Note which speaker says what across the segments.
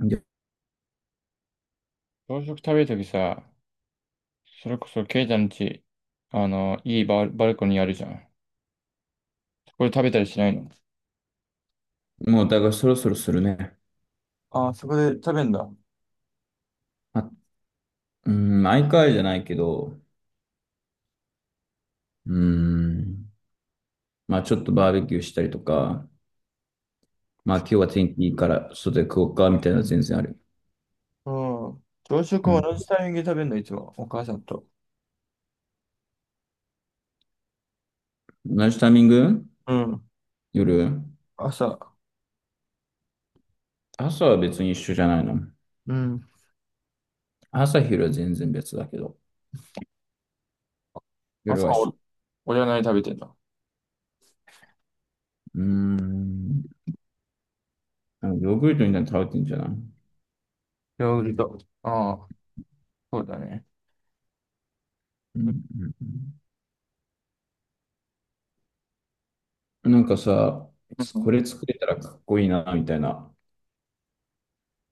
Speaker 1: いや
Speaker 2: 朝食食べるときさ、それこそケイちゃんち、いいバルコニーあるじゃん。そこで食べたりしないの？
Speaker 1: もう、だからそろそろするね。
Speaker 2: ああ、そこで食べんだ。
Speaker 1: あ、うん、毎回じゃないけど、うん、まあちょっとバーベキューしたりとか、まあ今日は天気いいから外で食おうかみたいなのは全然ある。
Speaker 2: うん。朝食
Speaker 1: う
Speaker 2: は
Speaker 1: ん。
Speaker 2: 同じタイミングで食べんの、いつも。お母さんと。
Speaker 1: 同じタイミング？
Speaker 2: うん。
Speaker 1: 夜。
Speaker 2: 朝。
Speaker 1: 朝は別に一緒じゃないの。
Speaker 2: うん。
Speaker 1: 朝昼は全然別だけど、夜
Speaker 2: 朝
Speaker 1: は一緒。
Speaker 2: 俺は何食べてんの？
Speaker 1: うーん。あのヨーグルトみたいに食べてんじゃない？うん
Speaker 2: ヨーグルト。ああ、そうだね。
Speaker 1: う
Speaker 2: うん
Speaker 1: んうん。なんかさ、
Speaker 2: う
Speaker 1: こ
Speaker 2: ん
Speaker 1: れ作れたらかっこいいな、みたいな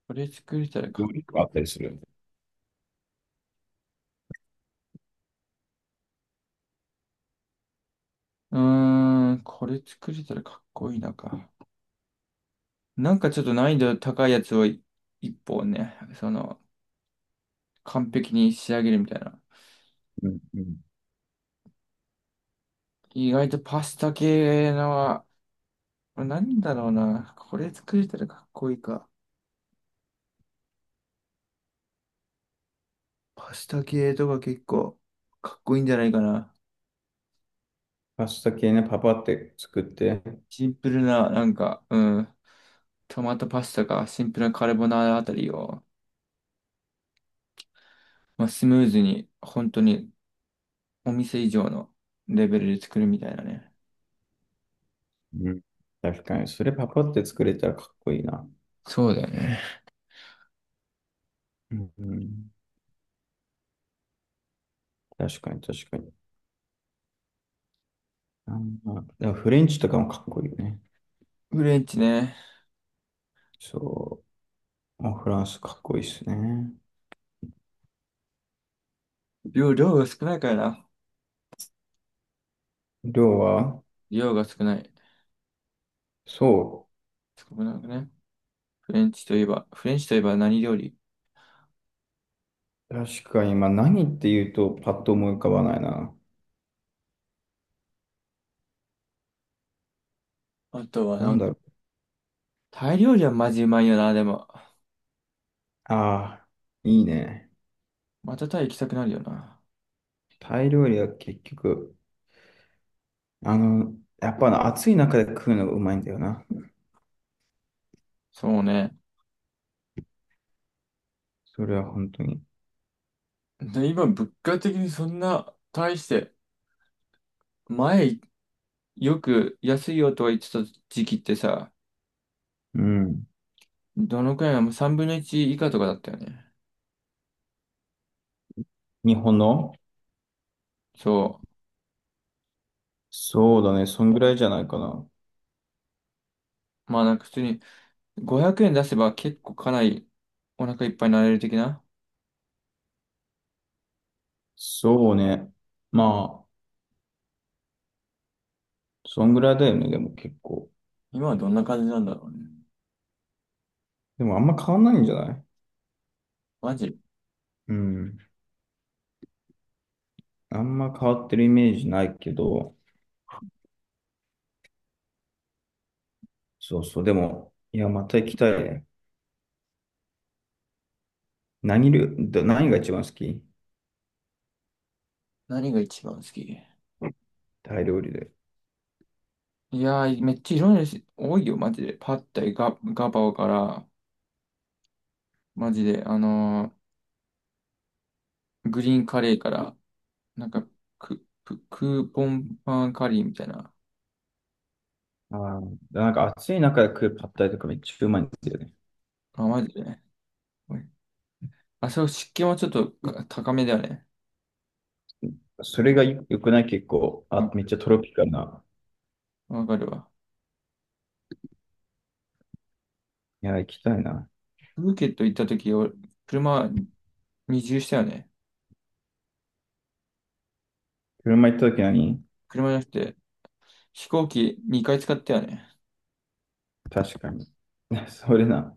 Speaker 2: これ作れたら
Speaker 1: 料
Speaker 2: か、
Speaker 1: 理とかあったりする？
Speaker 2: これ作れたらかっこいいなか。なんかちょっと難易度高いやつを一本ね、完璧に仕上げるみたいな。
Speaker 1: うんうん。
Speaker 2: 意外とパスタ系の、なんだろうな。これ作れたらかっこいいか。パスタ系とか結構かっこいいんじゃないかな。
Speaker 1: パスタ系ね、パパって作って。
Speaker 2: シンプルな、なんか、うん。トマトパスタかシンプルなカルボナーラあたりを、まあ、スムーズに、本当にお店以上のレベルで作るみたいなね。
Speaker 1: うん。確かに。それパパって作れたらかっこいいな。
Speaker 2: そうだよね。
Speaker 1: うん。うん。確かに、確かに。あんまでもフレンチとかもかっこいいよね。
Speaker 2: フレンチね。
Speaker 1: そう。あ、フランスかっこいいですね。
Speaker 2: 量が少ないからな。
Speaker 1: 量は。
Speaker 2: 量が少ない。
Speaker 1: そ
Speaker 2: 少なくね。フレンチといえば、フレンチといえば何料理？
Speaker 1: う。確かに、まあ何って言うとパッと思い浮かばないな。
Speaker 2: あとは
Speaker 1: な
Speaker 2: な
Speaker 1: ん
Speaker 2: ん
Speaker 1: だろう。
Speaker 2: タイ料理はマジうまいよな、でも。
Speaker 1: ああ、いいね。
Speaker 2: またタイ行きたくなるよな。
Speaker 1: タイ料理は結局、あの、やっぱな暑い中で食うのがうまいんだよな。
Speaker 2: そうね。
Speaker 1: それは本当に。
Speaker 2: で、今、物価的にそんな、大して、前、よく安いよとは言ってた時期ってさ、
Speaker 1: うん。
Speaker 2: どのくらいなの？3分の1以下とかだったよね。
Speaker 1: 日本の？
Speaker 2: そ
Speaker 1: そうだね。そんぐらいじゃないかな。
Speaker 2: う。まあなんか普通に500円出せば結構かなりお腹いっぱいになれる的な。
Speaker 1: そうね。まあ、そんぐらいだよね。でも結構。
Speaker 2: 今はどんな感じなんだろうね。
Speaker 1: でもあんま変わんないんじゃない？
Speaker 2: マジ、
Speaker 1: うん。あんま変わってるイメージないけど。そうそう。でも、いや、また行きたいね。何料、ど何が一番好き？
Speaker 2: 何が一番好き？
Speaker 1: タイ料理で。
Speaker 2: いやー、めっちゃいろんな種類多いよ、マジで。パッタイ、ガパオから、マジで、グリーンカレーから、なんか、クーポンパンカリーみたいな。
Speaker 1: ああ、なんか暑い中で食うパッタイとかめっちゃうまいんですよね。
Speaker 2: あ、マジでね。おいあ、そう、湿気はちょっとか高めだよね。
Speaker 1: それが良くない？結構、あ、めっ
Speaker 2: わ
Speaker 1: ちゃトロピカルな。
Speaker 2: わかるわ。
Speaker 1: いや、行きたいな。
Speaker 2: プーケット行った時、俺車二重したよね。
Speaker 1: 車行った時何？
Speaker 2: 車じゃなくて、飛行機2回使ったよね。
Speaker 1: 確かに。それな。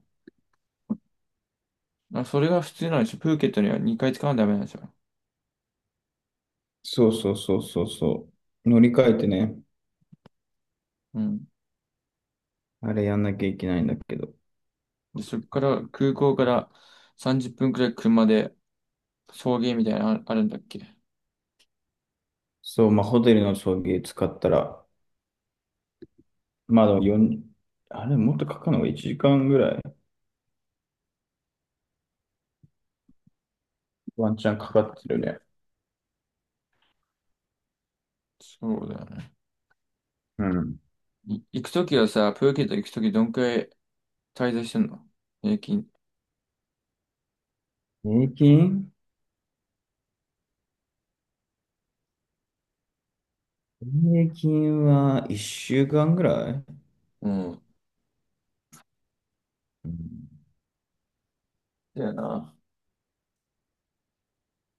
Speaker 2: あ、それが普通なんでしょ。プーケットには2回使わないとダメなんでしょ。
Speaker 1: そうそうそうそうそう。乗り換えてね、
Speaker 2: うん。
Speaker 1: あれやんなきゃいけないんだけど。
Speaker 2: で、そっから、空港から30分くらい車で送迎みたいなのああるんだっけ？
Speaker 1: そう、まあ、ホテルの送迎使ったら、まあでも4、もっとかかるのが1時間ぐらい、ワンチャンかかってるね。
Speaker 2: そうだよね。
Speaker 1: うん。
Speaker 2: 行くときはさ、プーケット行くときどんくらい滞在してんの？平均。
Speaker 1: 平均。平均は1週間ぐらい、
Speaker 2: うん。
Speaker 1: うん、
Speaker 2: だよな。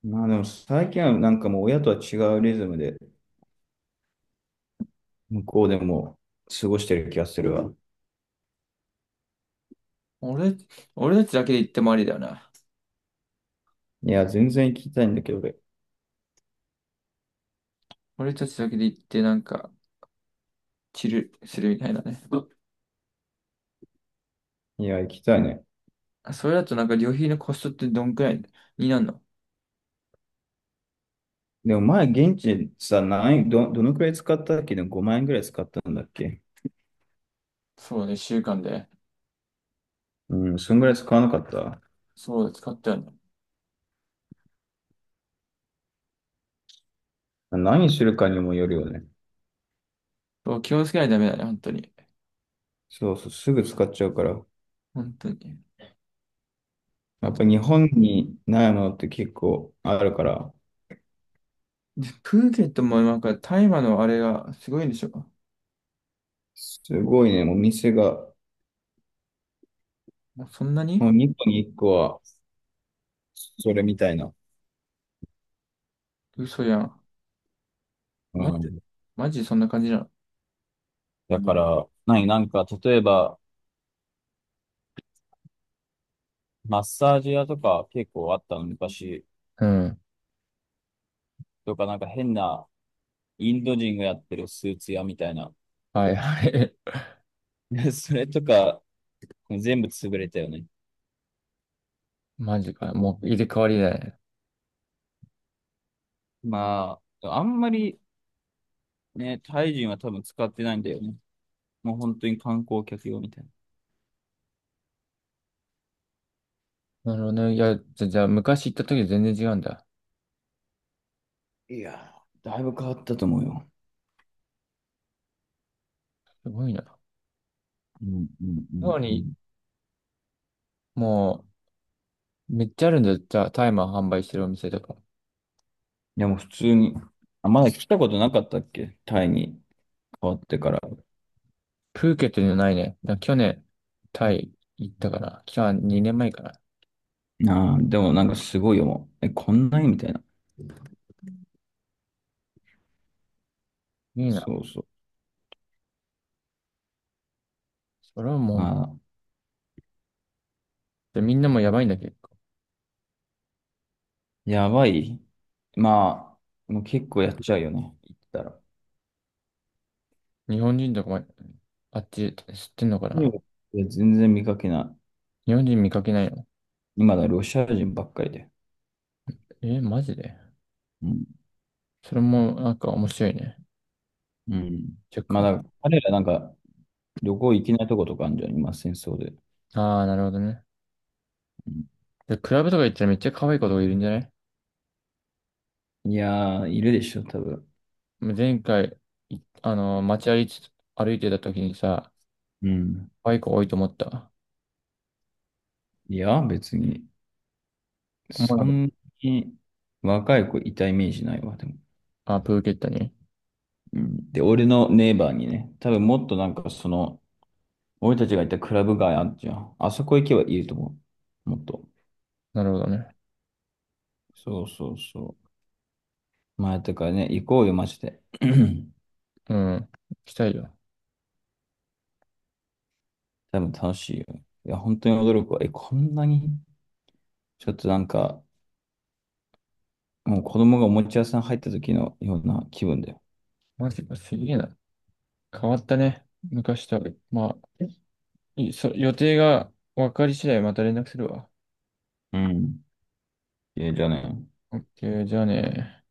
Speaker 1: まあでも最近はなんかもう親とは違うリズムで、向こうでも過ごしてる気がするわ。
Speaker 2: 俺、俺たちだけで行ってもありだよな。
Speaker 1: いや、全然行きたいんだけど、俺。
Speaker 2: 俺たちだけで行ってなんか、チルするみたいなね。
Speaker 1: いや、行きたいね。
Speaker 2: あ、それだとなんか旅費のコストってどんくらいになるの？
Speaker 1: でも前、現地でさ、どのくらい使ったっけ？でも5万円くらい使ったんだっけ？
Speaker 2: そうね、週間で。
Speaker 1: うん、そんぐらい使わなかった？
Speaker 2: そうだ、使ったよね。
Speaker 1: 何するかにもよるよね。
Speaker 2: そう、気をつけないとダメだね、本当に。
Speaker 1: そうそう、すぐ使っちゃうから。
Speaker 2: 本当に。あ
Speaker 1: やっ
Speaker 2: と、
Speaker 1: ぱ日本にないものって結構あるから、
Speaker 2: でプーケットもなんか大麻のあれがすごいんでしょ？
Speaker 1: すごいね、もう店が、
Speaker 2: もうそんなに？
Speaker 1: もう2個に1個はそれみたいな。
Speaker 2: 嘘やん。
Speaker 1: う
Speaker 2: マジ、
Speaker 1: ん。
Speaker 2: マジでそんな感じなの？
Speaker 1: だから、なんか、例えば、マッサージ屋とか結構あったの、昔。
Speaker 2: うん。
Speaker 1: とか、なんか変なインド人がやってるスーツ屋みたいな。
Speaker 2: はいはい。
Speaker 1: それとか、全部潰れたよね。
Speaker 2: マジか。もう入れ替わりだね。
Speaker 1: まあ、あんまりね、タイ人は多分使ってないんだよね。もう本当に観光客用みたいな。
Speaker 2: なるほどね。いや、じゃあ昔行った時全然違うんだ。
Speaker 1: いやー、だいぶ変わったと思うよ。
Speaker 2: すごいな。
Speaker 1: うんうんう
Speaker 2: な
Speaker 1: ん
Speaker 2: の
Speaker 1: う
Speaker 2: に、
Speaker 1: ん。
Speaker 2: もう、めっちゃあるんだよ。じゃあ、タイマー販売してるお店とか。
Speaker 1: でも普通に、あ、まだ来たことなかったっけ？タイに変わってから。
Speaker 2: プーケットにはないね。去年、タイ行ったかな。去年2年前かな。
Speaker 1: ああ、でもなんかすごいよ、もう。え、こんなにみたいな。
Speaker 2: いいな。
Speaker 1: そうそう。
Speaker 2: それはもう、
Speaker 1: ああ、
Speaker 2: でみんなもやばいんだけど。
Speaker 1: やばい。まあ、もう結構やっちゃうよね。行ったら。
Speaker 2: 日本人とかも、あっち知ってんのか
Speaker 1: いや、
Speaker 2: な？
Speaker 1: 全然見かけない。
Speaker 2: 日本人見かけないの？
Speaker 1: 今だロシア人ばっかりで。
Speaker 2: え、マジで？
Speaker 1: うん
Speaker 2: それもなんか面白いね。
Speaker 1: うん。
Speaker 2: 若
Speaker 1: まあ、
Speaker 2: 干。
Speaker 1: だから彼らなんか旅行行けないとことかあるんじゃん、今、戦争で。
Speaker 2: ああ、なるほどね。
Speaker 1: うん。
Speaker 2: で、クラブとか行ったらめっちゃ可愛い子とかいるんじゃない？
Speaker 1: いやー、いるでしょ、多分。
Speaker 2: 前回、いあの、街歩いて、歩いてた時にさ、
Speaker 1: うん。
Speaker 2: バイク多いと思った。
Speaker 1: いや、別に、
Speaker 2: 思わな
Speaker 1: そ
Speaker 2: かっ
Speaker 1: んなに若い子いたイメージないわ、でも。
Speaker 2: たあ、プーケットに？
Speaker 1: うん。で、俺のネイバーにね、多分もっとなんかその、俺たちがいたクラブ街あるじゃん。あそこ行けばいると思う。もっと。
Speaker 2: なるほどね。
Speaker 1: そうそうそう。まあ、だからね、行こうよ、マジで。
Speaker 2: うん。行きたいよ。
Speaker 1: 多分楽しいよ。いや、本当に驚くわ。え、こんなにちょっとなんか、もう子供がおもちゃ屋さん入った時のような気分だよ。
Speaker 2: マジか、すげえな。変わったね。昔とは。まあ、予定が分かり次第また連絡するわ。
Speaker 1: うん。ええ、じゃあね。
Speaker 2: オッケー、じゃあね。